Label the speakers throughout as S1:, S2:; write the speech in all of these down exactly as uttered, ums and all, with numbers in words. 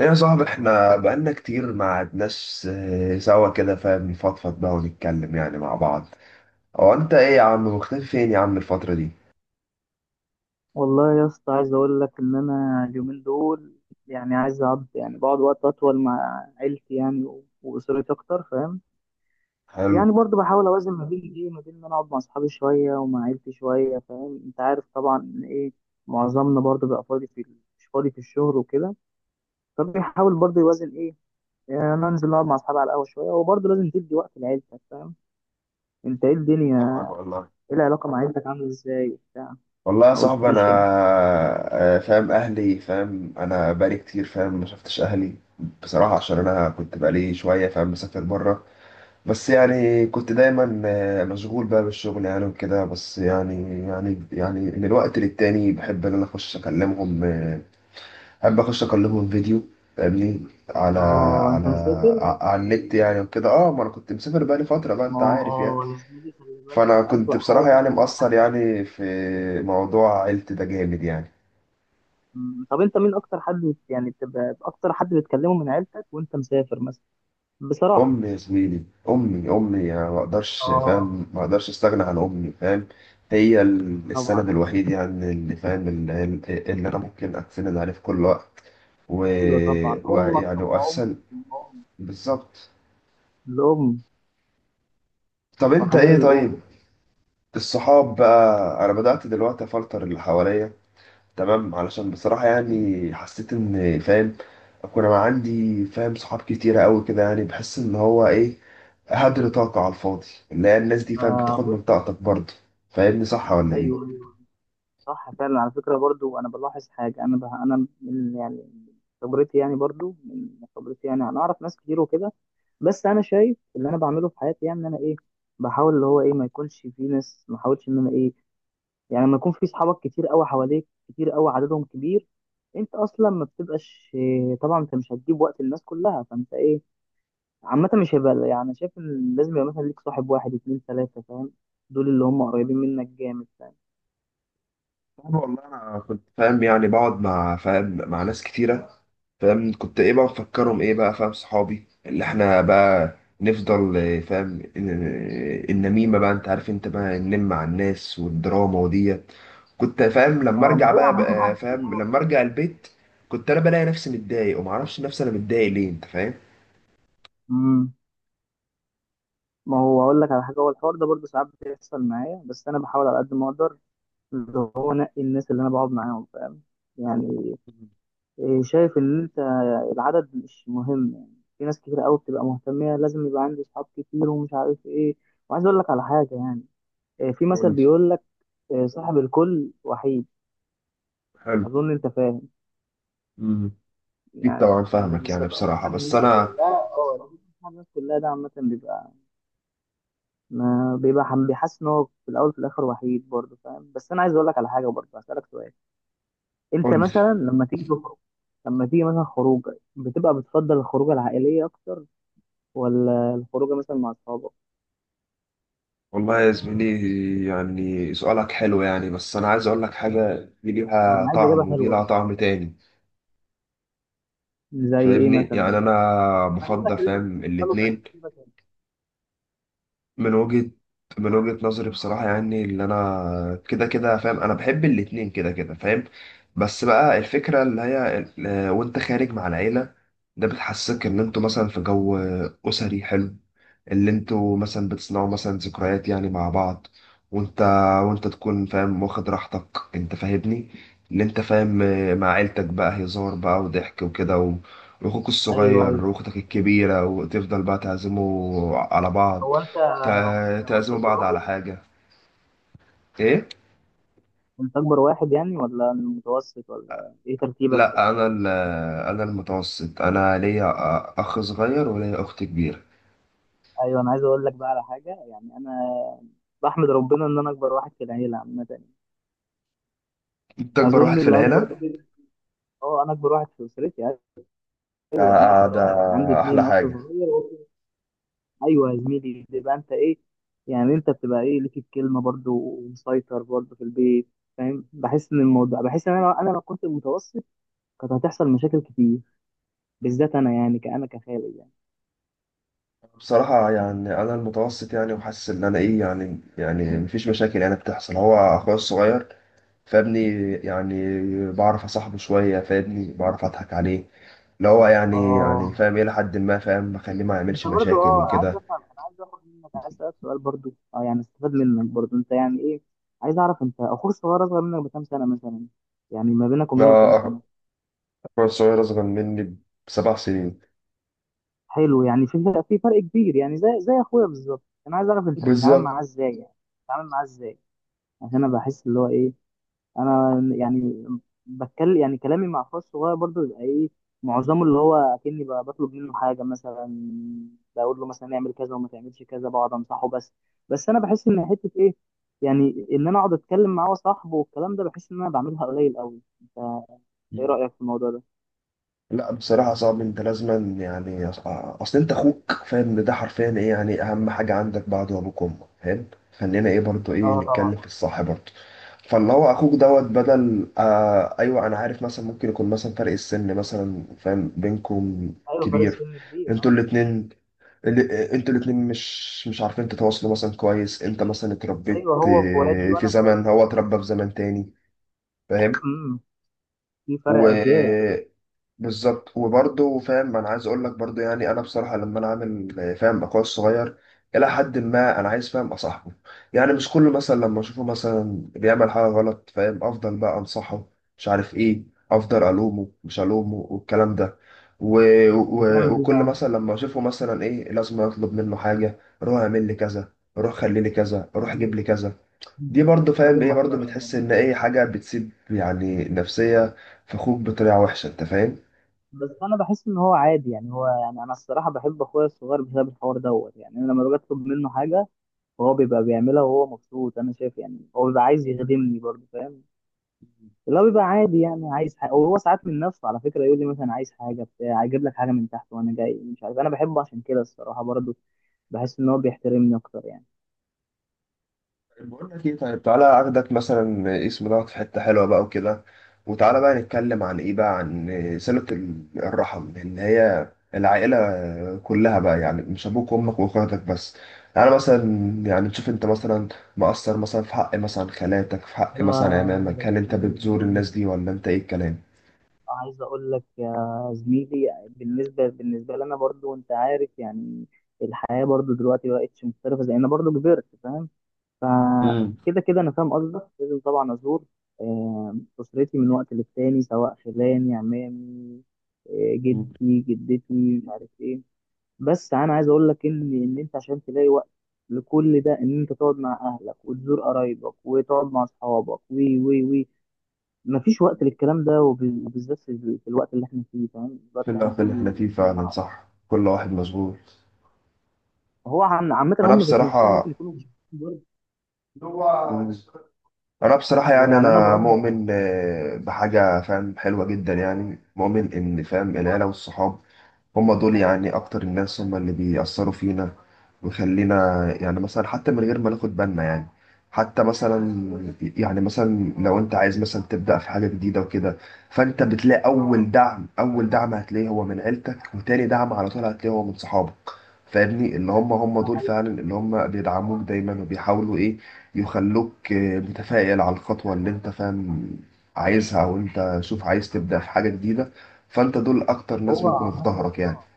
S1: ايه يا صاحبي، احنا بقالنا كتير ما قعدناش آه، سوا كده، فاهم، نفضفض بقى ونتكلم يعني مع بعض. هو انت ايه يا عم؟ مختفي فين يا عم الفترة دي؟
S2: والله يا اسطى، عايز اقول لك ان انا اليومين دول يعني عايز اقعد، يعني بقعد وقت اطول مع عيلتي يعني و- واسرتي اكتر. فاهم؟
S1: حلو.
S2: يعني برضه بحاول اوازن ما بين ايه، ما بين ان انا اقعد مع اصحابي شويه ومع عيلتي شويه. فاهم؟ انت عارف طبعا ان ايه، معظمنا برضه بيبقى فاضي في ال- مش فاضي في الشغل وكده. فبيحاول برضه يوازن ايه، يعني انا انزل اقعد مع اصحابي على القهوه شويه وبرضه لازم تدي وقت لعيلتك. فاهم؟ انت ايه الدنيا؟
S1: طبعا والله.
S2: ايه العلاقه مع عيلتك عامله ازاي وبتاع؟
S1: والله يا
S2: ما
S1: صاحبي انا
S2: قلتليش يعني.
S1: آه، فاهم اهلي، فاهم، انا بقالي كتير، فاهم، ما شفتش اهلي. بصراحة عشان انا كنت بقالي شوية فاهم مسافر بره. بس يعني كنت دايما آه، مشغول بقى بالشغل يعني وكده. بس يعني يعني يعني من الوقت للتاني بحب ان انا اخش اكلمهم آه، احب اخش اكلمهم فيديو. فاهمني؟ على
S2: اه،
S1: على
S2: انت مسافر.
S1: ع- على النت يعني وكده. اه، ما انا كنت مسافر بقالي فتره بقى،
S2: ما
S1: انت
S2: هو
S1: عارف يعني.
S2: اه يا زميلي، خلي بالك،
S1: فانا كنت
S2: أسوأ
S1: بصراحه
S2: حاجة
S1: يعني
S2: أسوأ
S1: مقصر
S2: حاجة إنك-
S1: يعني في موضوع عيلتي ده، جامد يعني.
S2: مم. طب أنت مين أكتر حد بت- يعني بتبقى أكتر حد بتكلمه من عيلتك وأنت مسافر مثلا؟ بصراحة.
S1: امي يا زميلي، امي امي يعني، ما اقدرش
S2: اه،
S1: فاهم، ما اقدرش استغنى عن امي، فاهم. هي ال- السند
S2: طبعا.
S1: الوحيد يعني، اللي فاهم، اللي, اللي انا ممكن اتسند عليه في كل وقت. و...
S2: أيوه طبعا، امك
S1: ويعني
S2: ثم امك
S1: واساسا
S2: ثم امك.
S1: بالظبط.
S2: الأم الأم.
S1: طب انت
S2: وحنان
S1: ايه طيب؟
S2: الأم.
S1: الصحاب بقى، انا بدأت دلوقتي افلتر اللي حواليا، تمام، علشان بصراحة يعني حسيت ان، فاهم، اكون انا عندي فاهم صحاب كتيرة قوي كده يعني، بحس ان هو ايه؟ هدر طاقة على الفاضي، اللي هي الناس دي، فاهم،
S2: آه،
S1: بتاخد من
S2: بص.
S1: طاقتك برضه. فاهمني؟ صح ولا ايه؟
S2: أيوه أيوة. صح فعلا، على فكرة، برضو أنا بلاحظ حاجة. أنا بها أنا من يعني من خبرتي، يعني برضو من خبرتي، يعني أنا أعرف ناس كتير وكده. بس أنا شايف اللي أنا بعمله في حياتي يعني، إن أنا إيه، بحاول اللي هو إيه، ما يكونش في ناس، ما أحاولش إن أنا إيه. يعني لما يكون في صحابك كتير أوي حواليك، كتير أوي عددهم كبير، أنت أصلا ما بتبقاش إيه، طبعا أنت مش هتجيب وقت الناس كلها. فأنت إيه، عامة مش هيبقى يعني، شايف إن لازم يبقى مثلا ليك صاحب، واحد اتنين تلاتة، فاهم؟ دول اللي هم قريبين منك جامد، فاهم؟
S1: صعب والله. انا كنت فاهم يعني بقعد مع فاهم مع ناس كتيره، فاهم، كنت ايه بقى؟ مفكرهم ايه بقى؟ فاهم، صحابي اللي احنا بقى نفضل إيه، فاهم، إن- النميمه بقى، انت عارف، انت بقى ننم مع الناس والدراما وديت. كنت فاهم لما
S2: هو ما
S1: ارجع
S2: هو
S1: بقى, بقى،
S2: عامة.
S1: فاهم، لما ارجع البيت كنت انا بلاقي نفسي متضايق، ومعرفش نفسي انا متضايق ليه، انت فاهم.
S2: امم ما هو اقول لك على حاجه، هو الحوار ده برضه ساعات بيحصل معايا، بس انا بحاول على قد ما اقدر اللي هو انقي الناس اللي انا بقعد معاهم. فاهم؟ يعني إيه، شايف ان انت العدد مش مهم. يعني في ناس كتير قوي بتبقى مهتميه، لازم يبقى عندي اصحاب كتير ومش عارف ايه. وعايز اقول لك على حاجه يعني، إيه، في
S1: قول
S2: مثل
S1: لي.
S2: بيقول لك إيه، صاحب الكل وحيد.
S1: حلو.
S2: اظن انت فاهم.
S1: امم. اكيد
S2: يعني
S1: طبعا
S2: اللي
S1: فاهمك يعني
S2: بيسبق صاحب
S1: بصراحه، بس
S2: الناس
S1: انا.
S2: كلها، اه، اللي بيبقى صاحب الناس كلها ده عامه بيبقى، ما بيبقى حم- بيحس ان هو في الاول في الاخر وحيد برضه. فاهم؟ بس انا عايز اقول لك على حاجه برضه، هسالك سؤال. انت
S1: قول لي.
S2: مثلا لما تيجي تخرج، لما تيجي مثلا خروجه، بتبقى بتفضل الخروجه العائليه اكتر، ولا الخروجه مثلا مع اصحابك؟
S1: والله يا زميلي يعني سؤالك حلو يعني، بس أنا عايز أقول لك حاجة، دي
S2: هو
S1: ليها
S2: انا عايز اجابه
S1: طعم ودي لها
S2: حلوه.
S1: طعم تاني.
S2: زي ايه
S1: فاهمني؟
S2: مثلا
S1: يعني
S2: يعني؟
S1: أنا
S2: انا بقول لك
S1: بفضل
S2: اللي انت
S1: فاهم
S2: بتفضله
S1: الاتنين.
S2: كشخصيتك يعني.
S1: من وجهة من وجهة نظري بصراحة يعني، اللي أنا كده كده فاهم، أنا بحب الاتنين كده كده، فاهم. بس بقى الفكرة اللي هي ال- وأنت خارج مع العيلة، ده بتحسسك إن أنتوا مثلا في جو أسري حلو، اللي انتوا مثلا بتصنعوا مثلا ذكريات يعني مع بعض، وانت، وانت تكون فاهم واخد راحتك. انت فاهمني؟ اللي انت فاهم آه، مع عيلتك بقى هزار بقى وضحك وكده، و... واخوك
S2: ايوه
S1: الصغير
S2: ايوه.
S1: واختك الكبيرة، وتفضل بقى تعزموا على بعض.
S2: هو انت هو
S1: تع-
S2: انت هو انت
S1: تعزموا
S2: اكبر
S1: بعض
S2: واحد.
S1: على حاجة. ايه.
S2: انت اكبر واحد يعني، ولا متوسط، ولا ايه ترتيبك في
S1: لا
S2: دي؟
S1: انا ال- انا المتوسط، انا ليا اخ صغير وليا اخت كبيرة.
S2: ايوه، انا عايز اقول لك بقى على حاجه يعني، انا بحمد ربنا ان انا اكبر واحد في العيله عامه.
S1: انت اكبر واحد
S2: اظن
S1: في
S2: اللي اكبر
S1: العيلة؟
S2: ده بيبقى- اه، انا اكبر واحد في اسرتي. ايوه انا
S1: ده
S2: اكبر
S1: ده
S2: واحد، عندي
S1: احلى
S2: اتنين اخ
S1: حاجة.
S2: صغير. ايوه يا زميلي، بيبقى انت ايه، يعني انت بتبقى ايه، ليك الكلمه برضو ومسيطر برضو في البيت. فاهم؟ بحس ان الموضوع، بحس ان انا انا لو كنت متوسط كانت هتحصل مشاكل كتير، بالذات انا يعني كأنا كخالد يعني.
S1: بصراحة يعني أنا المتوسط يعني، وحاسس إن أنا إيه يعني يعني مفيش مشاكل يعني بتحصل. هو أخويا الصغير فابني يعني بعرف أصاحبه شوية، فابني بعرف أضحك عليه، اللي هو يعني
S2: اه،
S1: يعني فاهم إلى حد ما، فاهم، بخليه ما
S2: انت
S1: يعملش
S2: برضو،
S1: مشاكل
S2: اه أنا عايز
S1: وكده.
S2: افهم، انا عايز اخد منك، عايز اسالك سؤال برضو، اه يعني استفاد منك برضو انت يعني ايه. عايز اعرف، انت اخوك الصغير اصغر منك بكام سنه مثلا؟ يعني ما بينك وبينه كام
S1: أنا
S2: سنه؟
S1: أخويا الصغير أصغر مني بسبع سنين.
S2: حلو، يعني في في فرق كبير يعني، زي زي اخويا بالظبط. انا عايز اعرف، انت بتتعامل معاه
S1: بالظبط.
S2: ازاي يعني؟ بتتعامل معاه ازاي؟ عشان انا بحس اللي هو ايه، انا يعني بتكلم يعني كلامي مع اخويا الصغير برضه بيبقى ايه، معظمه اللي هو اكني ب- بطلب منه حاجه مثلا، بقول له مثلا اعمل كذا وما تعملش كذا، بقعد انصحه بس بس انا بحس ان حته ايه، يعني ان انا اقعد اتكلم معاه وصاحبه والكلام ده، بحس ان انا بعملها قليل قوي. انت ايه رايك في الموضوع ده؟
S1: لا بصراحة صعب، انت لازما يعني، أص- اصل انت اخوك فاهم ان ده حرفيا ايه يعني، اهم حاجة عندك بعد ابوك وامك، فاهم. خلينا ايه برضو، ايه
S2: اه طبعا.
S1: نتكلم في الصح برضو. فاللي هو اخوك دوت بدل آه ايوه انا عارف، مثلا ممكن يكون مثلا فرق السن مثلا فاهم بينكم
S2: ايوه، فرق
S1: كبير.
S2: سن كبير.
S1: انتوا
S2: اه
S1: الاتنين ال- انتوا الاتنين مش مش عارفين تتواصلوا مثلا كويس، انت مثلا اتربيت
S2: ايوه، هو في وادي
S1: آه، في
S2: وانا في
S1: زمن، هو اتربى في زمن تاني، فاهم.
S2: وادي. في
S1: و...
S2: فرق أجيال.
S1: بالظبط، وبرضه فاهم انا عايز اقول لك برضه يعني، انا بصراحه لما انا عامل فاهم اخويا الصغير، الى حد ما انا عايز فاهم اصاحبه يعني، مش كله مثلا لما اشوفه مثلا بيعمل حاجه غلط، فاهم، افضل بقى انصحه، مش عارف ايه، افضل الومه مش الومه والكلام ده. و... و...
S2: بتعمل إيه
S1: وكل
S2: بقى؟
S1: مثلا لما اشوفه مثلا ايه، لازم اطلب منه حاجه، روح اعمل لي كذا، روح خلي لي كذا، روح جيب لي كذا. دي برضه فاهم
S2: راجل
S1: ايه برضه،
S2: محترم
S1: بتحس
S2: والله.
S1: ان ايه حاجه بتسيب يعني نفسيه في اخوك بطريقه وحشه، انت فاهم.
S2: بس أنا بحس إن هو عادي يعني، هو يعني، أنا الصراحة بحب أخويا الصغير بسبب الحوار دوت يعني. أنا لما باجي أطلب منه حاجة وهو بيبقى بيعملها وهو مبسوط، أنا شايف يعني هو بيبقى عايز يخدمني برضه. فاهم؟ اللي هو بيبقى عادي يعني، عايز حاجة وهو ساعات من نفسه على فكرة يقول لي مثلا، عايز حاجة بتاع، أجيب لك حاجة من تحت وأنا جاي، مش عارف، أنا بحبه عشان كده الصراحة برضه بحس إن هو بيحترمني أكتر يعني.
S1: بقول لك ايه طيب؟ تعالى اخدك مثلا اسم دوت في حته حلوه بقى وكده، وتعالى بقى نتكلم عن ايه بقى؟ عن صله ال- الرحم، اللي هي العائله كلها بقى، يعني مش ابوك وامك واخواتك بس. انا مثلا، يعني تشوف انت مثلا مقصر مثلا في حق مثلا خالاتك، في حق
S2: ده
S1: مثلا
S2: ده
S1: عمامك، هل انت
S2: كتير.
S1: بتزور الناس دي ولا انت ايه الكلام؟
S2: عايز اقول لك يا زميلي، بالنسبه بالنسبه لنا برضو، انت عارف يعني الحياه برضو دلوقتي بقتش مختلفه، زي انا برضو كبرت. فاهم؟
S1: امم.
S2: فكده كده انا فاهم قصدك، لازم طبعا ازور آه، اسرتي من وقت للتاني سواء خلاني عمامي، آه،
S1: أمم.
S2: جدي جدتي، مش عارف ايه. بس انا عايز اقول لك ان ان انت عشان تلاقي وقت لكل ده، ان انت تقعد مع اهلك وتزور قرايبك وتقعد مع اصحابك وي وي وي، مفيش وقت للكلام ده. وب- وبالذات في ال- في الوقت اللي احنا فيه. فاهم؟ الوقت
S1: في
S2: اللي احنا
S1: الوقت اللي احنا
S2: فيه
S1: فيه فعلا
S2: صعب.
S1: صح، كل واحد مشغول.
S2: هو عم- عامة
S1: انا
S2: هم ذات نفسهم
S1: بصراحه
S2: ممكن يكونوا مش فاهمين برضه.
S1: هو انا بصراحه يعني،
S2: ويعني انا
S1: انا
S2: بقدر،
S1: مؤمن آه، بحاجه فاهم حلوه جدا يعني، مؤمن ان فاهم العيله والصحاب هم دول يعني اكتر الناس، هم اللي بيأثروا فينا ويخلينا يعني، مثلا حتى من غير ما ناخد بالنا يعني، حتى مثلا، يعني مثلا لو انت عايز مثلا تبدأ في حاجة جديدة وكده، فانت بتلاقي اول دعم، اول دعم هتلاقيه هو من عيلتك، وتاني دعم على طول هتلاقيه هو من صحابك. فاهمني؟ اللي هم هم دول فعلا، اللي هم بيدعموك دايما وبيحاولوا ايه، يخلوك آه، متفائل على الخطوة اللي انت فاهم عايزها، او انت شوف عايز تبدأ في حاجة جديدة، فانت دول اكتر ناس
S2: هو
S1: بيكونوا في
S2: عامة.
S1: ظهرك يعني.
S2: اه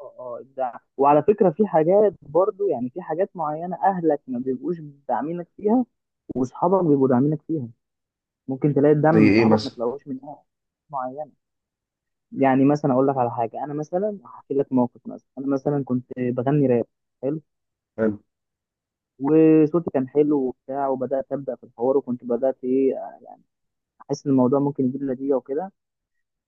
S2: اه اه إبداع. وعلى فكرة في حاجات برضه يعني، في حاجات معينة أهلك ما بيبقوش داعمينك فيها، وأصحابك بيبقوا داعمينك فيها. ممكن تلاقي الدعم
S1: زي
S2: من
S1: ايه
S2: صحابك ما
S1: مثلا؟
S2: تلاقوش من أهل معينة. يعني مثلا أقول لك على حاجة، أنا مثلا هحكي لك موقف، مثلا أنا مثلا كنت بغني راب. حلو؟ وصوتي كان حلو وبتاع، وبدات ابدا في الحوار، وكنت بدات ايه، آه، يعني احس ان الموضوع ممكن يجيب نتيجه وكده.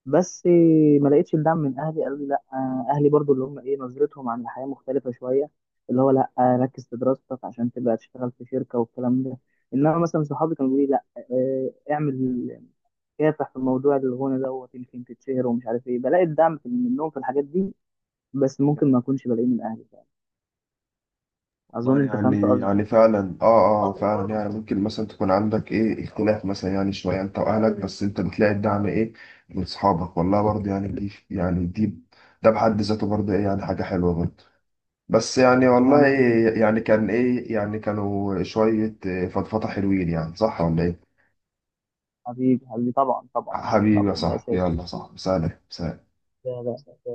S2: بس آه، ما لقيتش الدعم من اهلي، قالوا لي لا، آه، اهلي برضو اللي هم ايه، نظرتهم عن الحياه مختلفه شويه، اللي هو لا، آه، ركز في دراستك عشان تبقى تشتغل في شركه والكلام ده. انما مثلا صحابي كانوا بيقولوا لي لا، آه، اعمل كافح في الموضوع الغنى دوت، يمكن تتشهر ومش عارف ايه. بلاقي الدعم في- منهم في الحاجات دي، بس ممكن ما اكونش بلاقيه من اهلي فعلا.
S1: والله
S2: اظن انت فهمت
S1: يعني يعني
S2: قصدي.
S1: فعلا اه. اه،
S2: قصدي
S1: فعلا
S2: برضه.
S1: يعني ممكن مثلا تكون عندك ايه اختلاف مثلا يعني شويه انت واهلك، بس انت بتلاقي الدعم ايه من صحابك، والله برضه يعني، دي يعني دي، ده بحد ذاته برضه ايه يعني حاجه حلوه برضه. بس يعني
S2: يا
S1: والله
S2: عم،
S1: إيه يعني، كان ايه يعني، كانوا شويه إيه فضفضه حلوين يعني. صح ولا ايه؟
S2: حبيبي حبيبي طبعا طبعا
S1: حبيبي يا
S2: طبعا، ده
S1: صاحبي،
S2: اساسي.
S1: يلا صاحبي، سلام سلام.
S2: ده ده أساسي.